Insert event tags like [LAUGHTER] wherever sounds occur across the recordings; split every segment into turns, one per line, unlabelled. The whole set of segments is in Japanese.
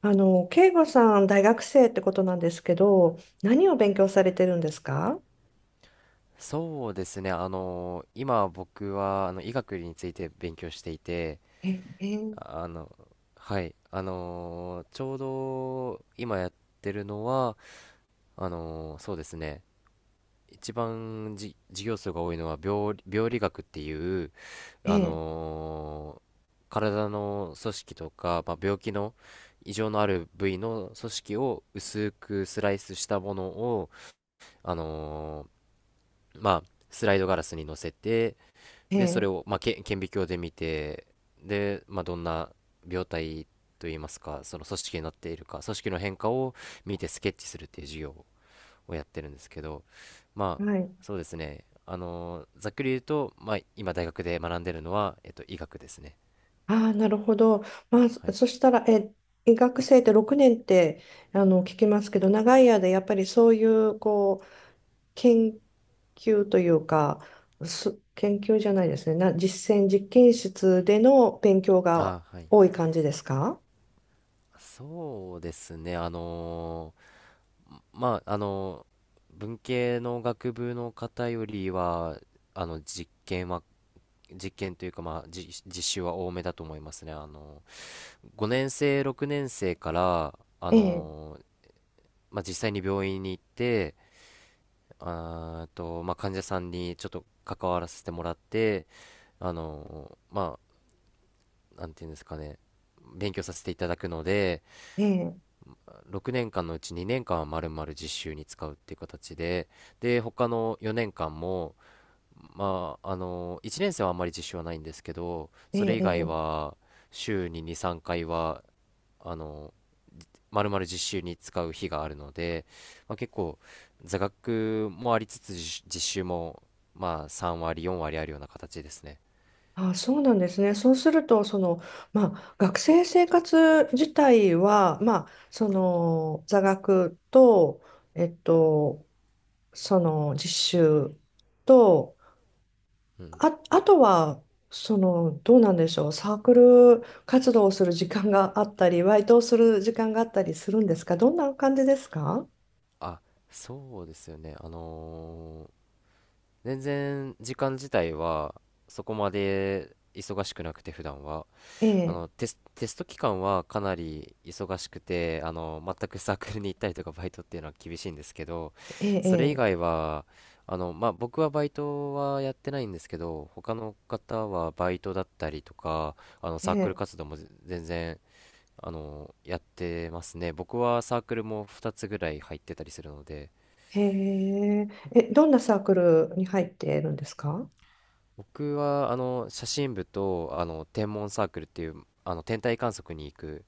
慶吾さん、大学生ってことなんですけど、何を勉強されてるんですか？
そうですね。今僕は医学について勉強していて、
え、え、
ああの、はい、ちょうど今やってるのは、そうですね。一番授業数が多いのは病理学っていう、あ
え、
の、体の組織とか、まあ、病気の異常のある部位の組織を薄くスライスしたものを、あの、まあ、スライドガラスに乗せて、で、そ
え、
れを、まあ、顕微鏡で見て、で、まあ、どんな病態といいますか、その組織になっているか、組織の変化を見てスケッチするっていう授業をやってるんですけど、まあ、
はい。
そうですね。ざっくり言うと、まあ、今大学で学んでるのは、医学ですね。
ああ、なるほど。まあ、そ
はい。
そしたら、え、医学生って6年って、聞きますけど、長い間、やっぱりそういう、こう、研究というか、研究じゃないですね。実践、実験室での勉強が
はい。
多い感じですか？
そうですね。まあ、文系の学部の方よりは、あの、実験は実験というか、まあ、実習は多めだと思いますね。5年生、6年生から、
ええ、
まあ、実際に病院に行って、あーと、まあ、患者さんにちょっと関わらせてもらって、まあ、なんていうんですかね、勉強させていただくので、
ええ、
6年間のうち2年間はまるまる実習に使うっていう形で、で、他の4年間も、まあ、1年生はあんまり実習はないんですけど、
え
それ以
え、
外
え
は、週に2、3回は、あの、まるまる実習に使う日があるので、まあ、結構、座学もありつつ、実習も、まあ、3割、4割あるような形ですね。
あ、そうなんですね。そうすると、その、まあ、学生生活自体は、まあ、座学と、えっと、実習と、
うん。
あ、あとは、どうなんでしょう、サークル活動をする時間があったり、バイトをする時間があったりするんですか？どんな感じですか？
あ、そうですよね。全然時間自体はそこまで忙しくなくて普段は。
ええ、
テスト期間はかなり忙しくて、全くサークルに行ったりとかバイトっていうのは厳しいんですけど、
え
それ以
え、
外はまあ、僕はバイトはやってないんですけど、他の方はバイトだったりとか
え
サークル
え、
活動も全然やってますね。僕はサークルも2つぐらい入ってたりするので。
ええ、へええ、どんなサークルに入っているんですか？
僕は写真部と天文サークルっていう、天体観測に行く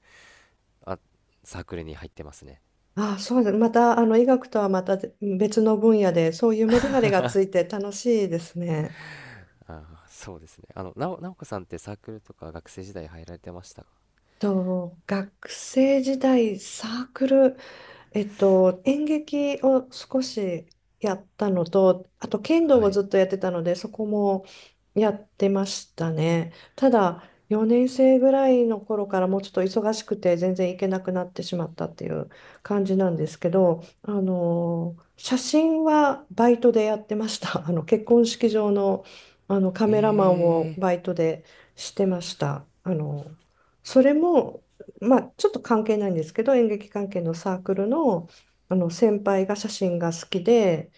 あサークルに入ってますね。
あ、そうです。また、医学とはまた別の分野で、そういうメリハリがついて楽しいですね。
ああ、そうですね。なおこさんってサークルとか学生時代入られてましたか？
学生時代、サークル、演劇を少しやったのと、あと剣道
は
を
い。
ずっとやってたので、そこもやってましたね。ただ、4年生ぐらいの頃からもうちょっと忙しくて全然行けなくなってしまったっていう感じなんですけど、写真はバイトでやってました。[LAUGHS] 結婚式場の、カメラマンを
ええ、
バイトでしてました。それもまあ、ちょっと関係ないんですけど、演劇関係のサークルの、あの先輩が写真が好きで、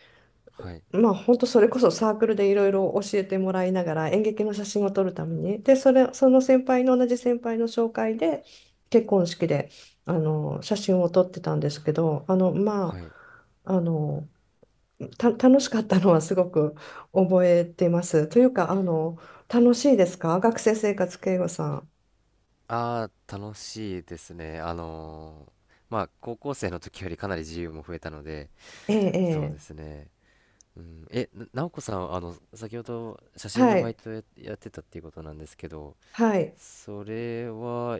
はい、
まあ、本当それこそサークルでいろいろ教えてもらいながら演劇の写真を撮るために、で、その先輩の同じ先輩の紹介で結婚式で写真を撮ってたんですけど、あの、ま
はい。
あ、あのた楽しかったのはすごく覚えてます。というか、楽しいですか？学生生活、慶吾さん。
ああ、楽しいですね。まあ、高校生の時よりかなり自由も増えたので、
ええ、
そうで
え
すね。うん、なおこさん、先ほど写
え。
真の
は
バイ
い、
トやってたっていうことなんですけど、
はい。
それは、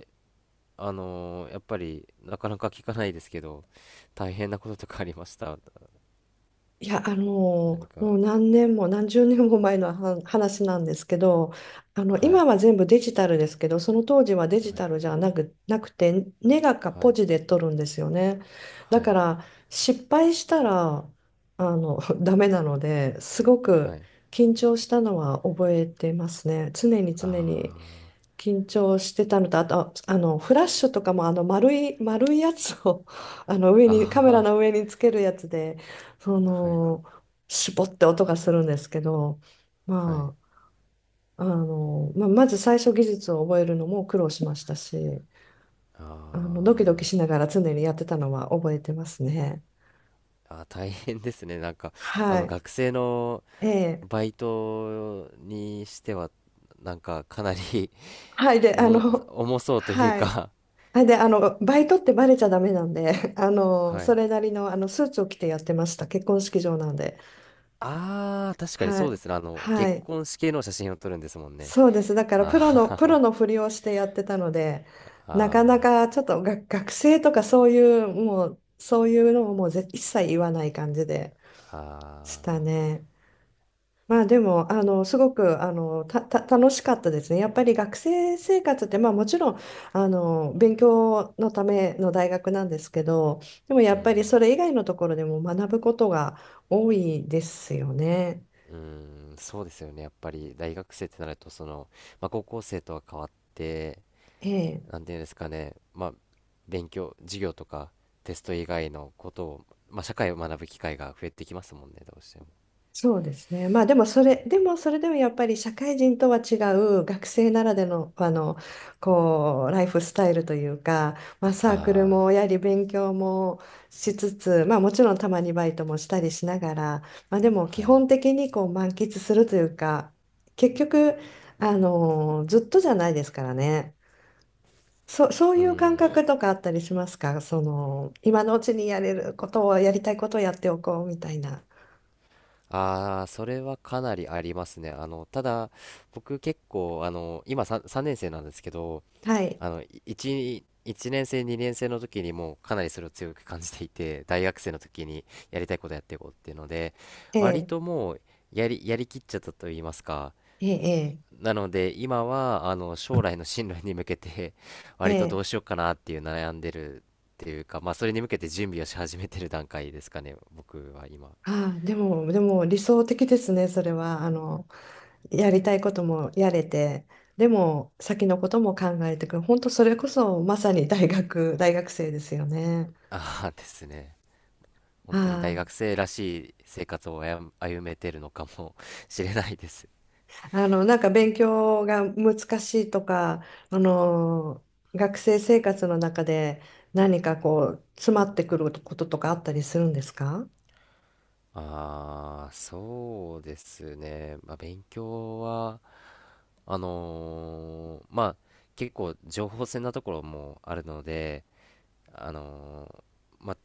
やっぱり、なかなか聞かないですけど、大変なこととかありました？
いや、
何
も
か、
う何年も何十年も前のは話なんですけど、
は
今
い、
は全部デジタルですけど、その当時はデジ
はい、
タルじゃなく、なくて、ネガか
は
ポ
い。
ジで撮るんですよね。だ
は
か
い、
ら、失敗したら、[LAUGHS] ダメなので、すご
は
く
い。
緊張したのは覚えてますね。常に常に。
あ
緊張してたのと、あと、フラッシュとかも、丸い、丸いやつを [LAUGHS] 上に、カメラ
あ、
の上につけるやつで、そ
はい、
の、絞って音がするんですけど、
はい。
まあ、まず最初技術を覚えるのも苦労しましたし、
あ
ドキドキしな
ー
がら常にやってたのは覚えてますね。
大変ですね。なんか、
はい。
学生の
ええ。
バイトにしては、なんか、かなり
はい。
[LAUGHS]
で、
重そうという
はい。
か。
あ、で、バイトってバレちゃダメなんで、[LAUGHS]
は
そ
い。
れなりの、スーツを着てやってました。結婚式場なんで。
ああ、確かに
は
そうで
い。
すね。
は
結
い。
婚式の写真を撮るんですもんね。
そうです。だから、
あ
プロの、プロ
ー
のふりをしてやってたので、
[LAUGHS]
なかな
あ
かちょっとが学生とかそういう、もう、そういうのをもう一切言わない感じで
ー、
し
ああ、
たね。まあでも、すごく、あの、た、た、楽しかったですね。やっぱり学生生活って、まあもちろん、勉強のための大学なんですけど、でもや
う
っぱり
ん。
それ以外のところでも学ぶことが多いですよね。
うーん、そうですよね。やっぱり大学生ってなると、その、まあ、高校生とは変わって、
ええ、
なんていうんですかね、まあ、勉強、授業とかテスト以外のことを、まあ、社会を学ぶ機会が増えてきますもんね、どうしても。
そうですね。まあでもそれでもやっぱり社会人とは違う学生ならでの、こう、ライフスタイルというか、まあサークル
あ
もやはり勉強もしつつ、まあもちろんたまにバイトもしたりしながら、まあでも
あ、
基
はい。
本的にこう満喫するというか、結局、ずっとじゃないですからね。そう
う
いう感
ん。
覚とかあったりしますか？今のうちにやれることを、やりたいことをやっておこうみたいな。
ああ、それはかなりありますね。ただ、僕結構、今さん3年生なんですけど、
はい。
1、一年生、2年生の時にもうかなりそれを強く感じていて、[LAUGHS] 大学生の時にやりたいことやっていこうっていうので、
え
割と
え
もうやりきっちゃったと言いますか。
ええ、
なので、今は、将来の進路に向けて、[LAUGHS]
え
割とど
え、え
うし
え、
ようかなっていう悩んでるっていうか、まあ、それに向けて準備をし始めてる段階ですかね、僕は今。
ああ、でも理想的ですね、それは。やりたいこともやれて、でも、先のことも考えてくる。本当、それこそ、まさに [LAUGHS] 大学生ですよね。
ああ [LAUGHS] ですね。本当に
あ
大学生らしい生活を歩めてるのかもしれないです。
あ、なんか勉強が難しいとか、あの、学生生活の中で何かこう、詰まってくることとかあったりするんですか？
ああ、そうですね。まあ、勉強は、まあ、結構情報戦なところもあるので、あのまあ、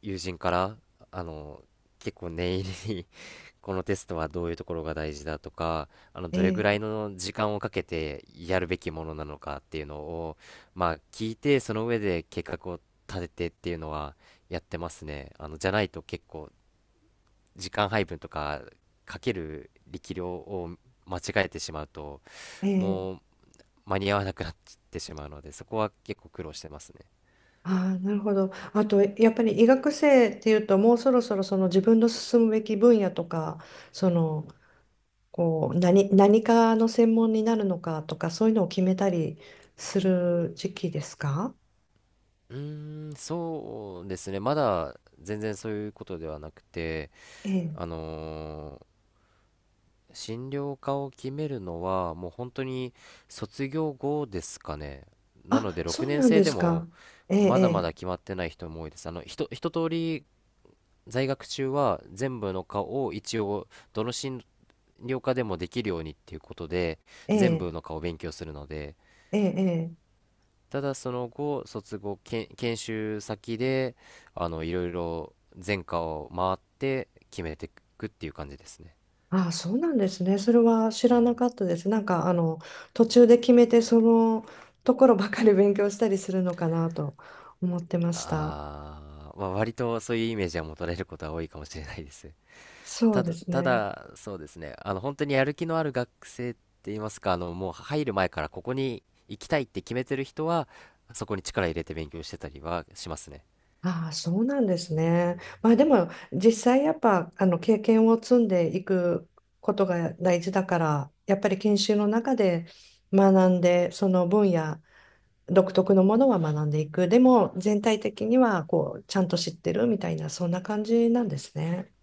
友人から、あのー結構念入りに [LAUGHS] このテストはどういうところが大事だとか、
え
どれぐ
え、
らいの時間をかけてやるべきものなのかっていうのを、まあ、聞いて、その上で計画を立ててっていうのはやってますね。じゃないと結構時間配分とかかける力量を間違えてしまうと、
え
も
え、
う間に合わなくなってしまうので、そこは結構苦労してますね。
ああ、なるほど。あと、やっぱり医学生っていうと、もうそろそろその自分の進むべき分野とか、その、こう、何かの専門になるのかとか、そういうのを決めたりする時期ですか？
うーん、そうですね。まだ全然そういうことではなくて、
ええ。
あのー診療科を決めるのはもう本当に卒業後ですかね。な
あ、
ので6
そう
年
なん
生
で
で
す
も
か。え
まだま
え、
だ決まってない人も多いです。一通り在学中は全部の科を一応どの進量科でもできるようにっていうことで
え
全
え、
部の科を勉強するので、
ええ、ええ。
ただその後卒後研修先でいろいろ全科を回って決めていくっていう感じですね。
ああ、そうなんですね。それは知らなかったです。なんか、途中で決めて、そのところばかり勉強したりするのかなと思ってました。
まあ、割とそういうイメージは持たれることは多いかもしれないです。
そうです
た
ね。
だそうですね、本当にやる気のある学生って言いますか、もう入る前からここに行きたいって決めてる人は、そこに力入れて勉強してたりはしますね。
ああ、そうなんですね。まあでも、実際やっぱ、経験を積んでいくことが大事だから、やっぱり研修の中で学んで、その分野、独特のものは学んでいく。でも、全体的には、こう、ちゃんと知ってるみたいな、そんな感じなんですね。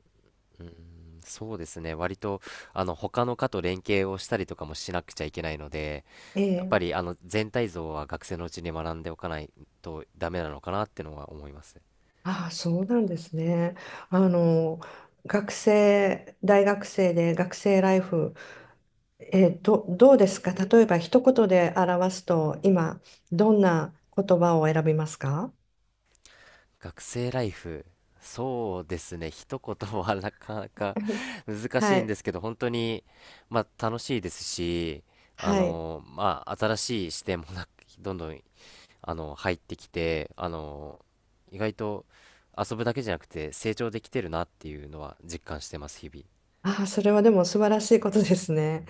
そうですね。割と、他の科と連携をしたりとかもしなくちゃいけないので、やっぱ
ええ、
り、全体像は学生のうちに学んでおかないとダメなのかなってのは思います。
ああ、そうなんですね。あの、大学生で学生ライフ、どうですか？例えば一言で表すと、今、どんな言葉を選びますか？
学生ライフ、そうですね。一言はなかなか
うん
[LAUGHS]
[LAUGHS]
難し
は
いんで
い。
すけど、本当に、まあ、楽しいですし、
はい。
まあ、新しい視点もどんどん、入ってきて、意外と遊ぶだけじゃなくて成長できてるなっていうのは実感してます、日々。
ああ、それはでも素晴らしいことですね。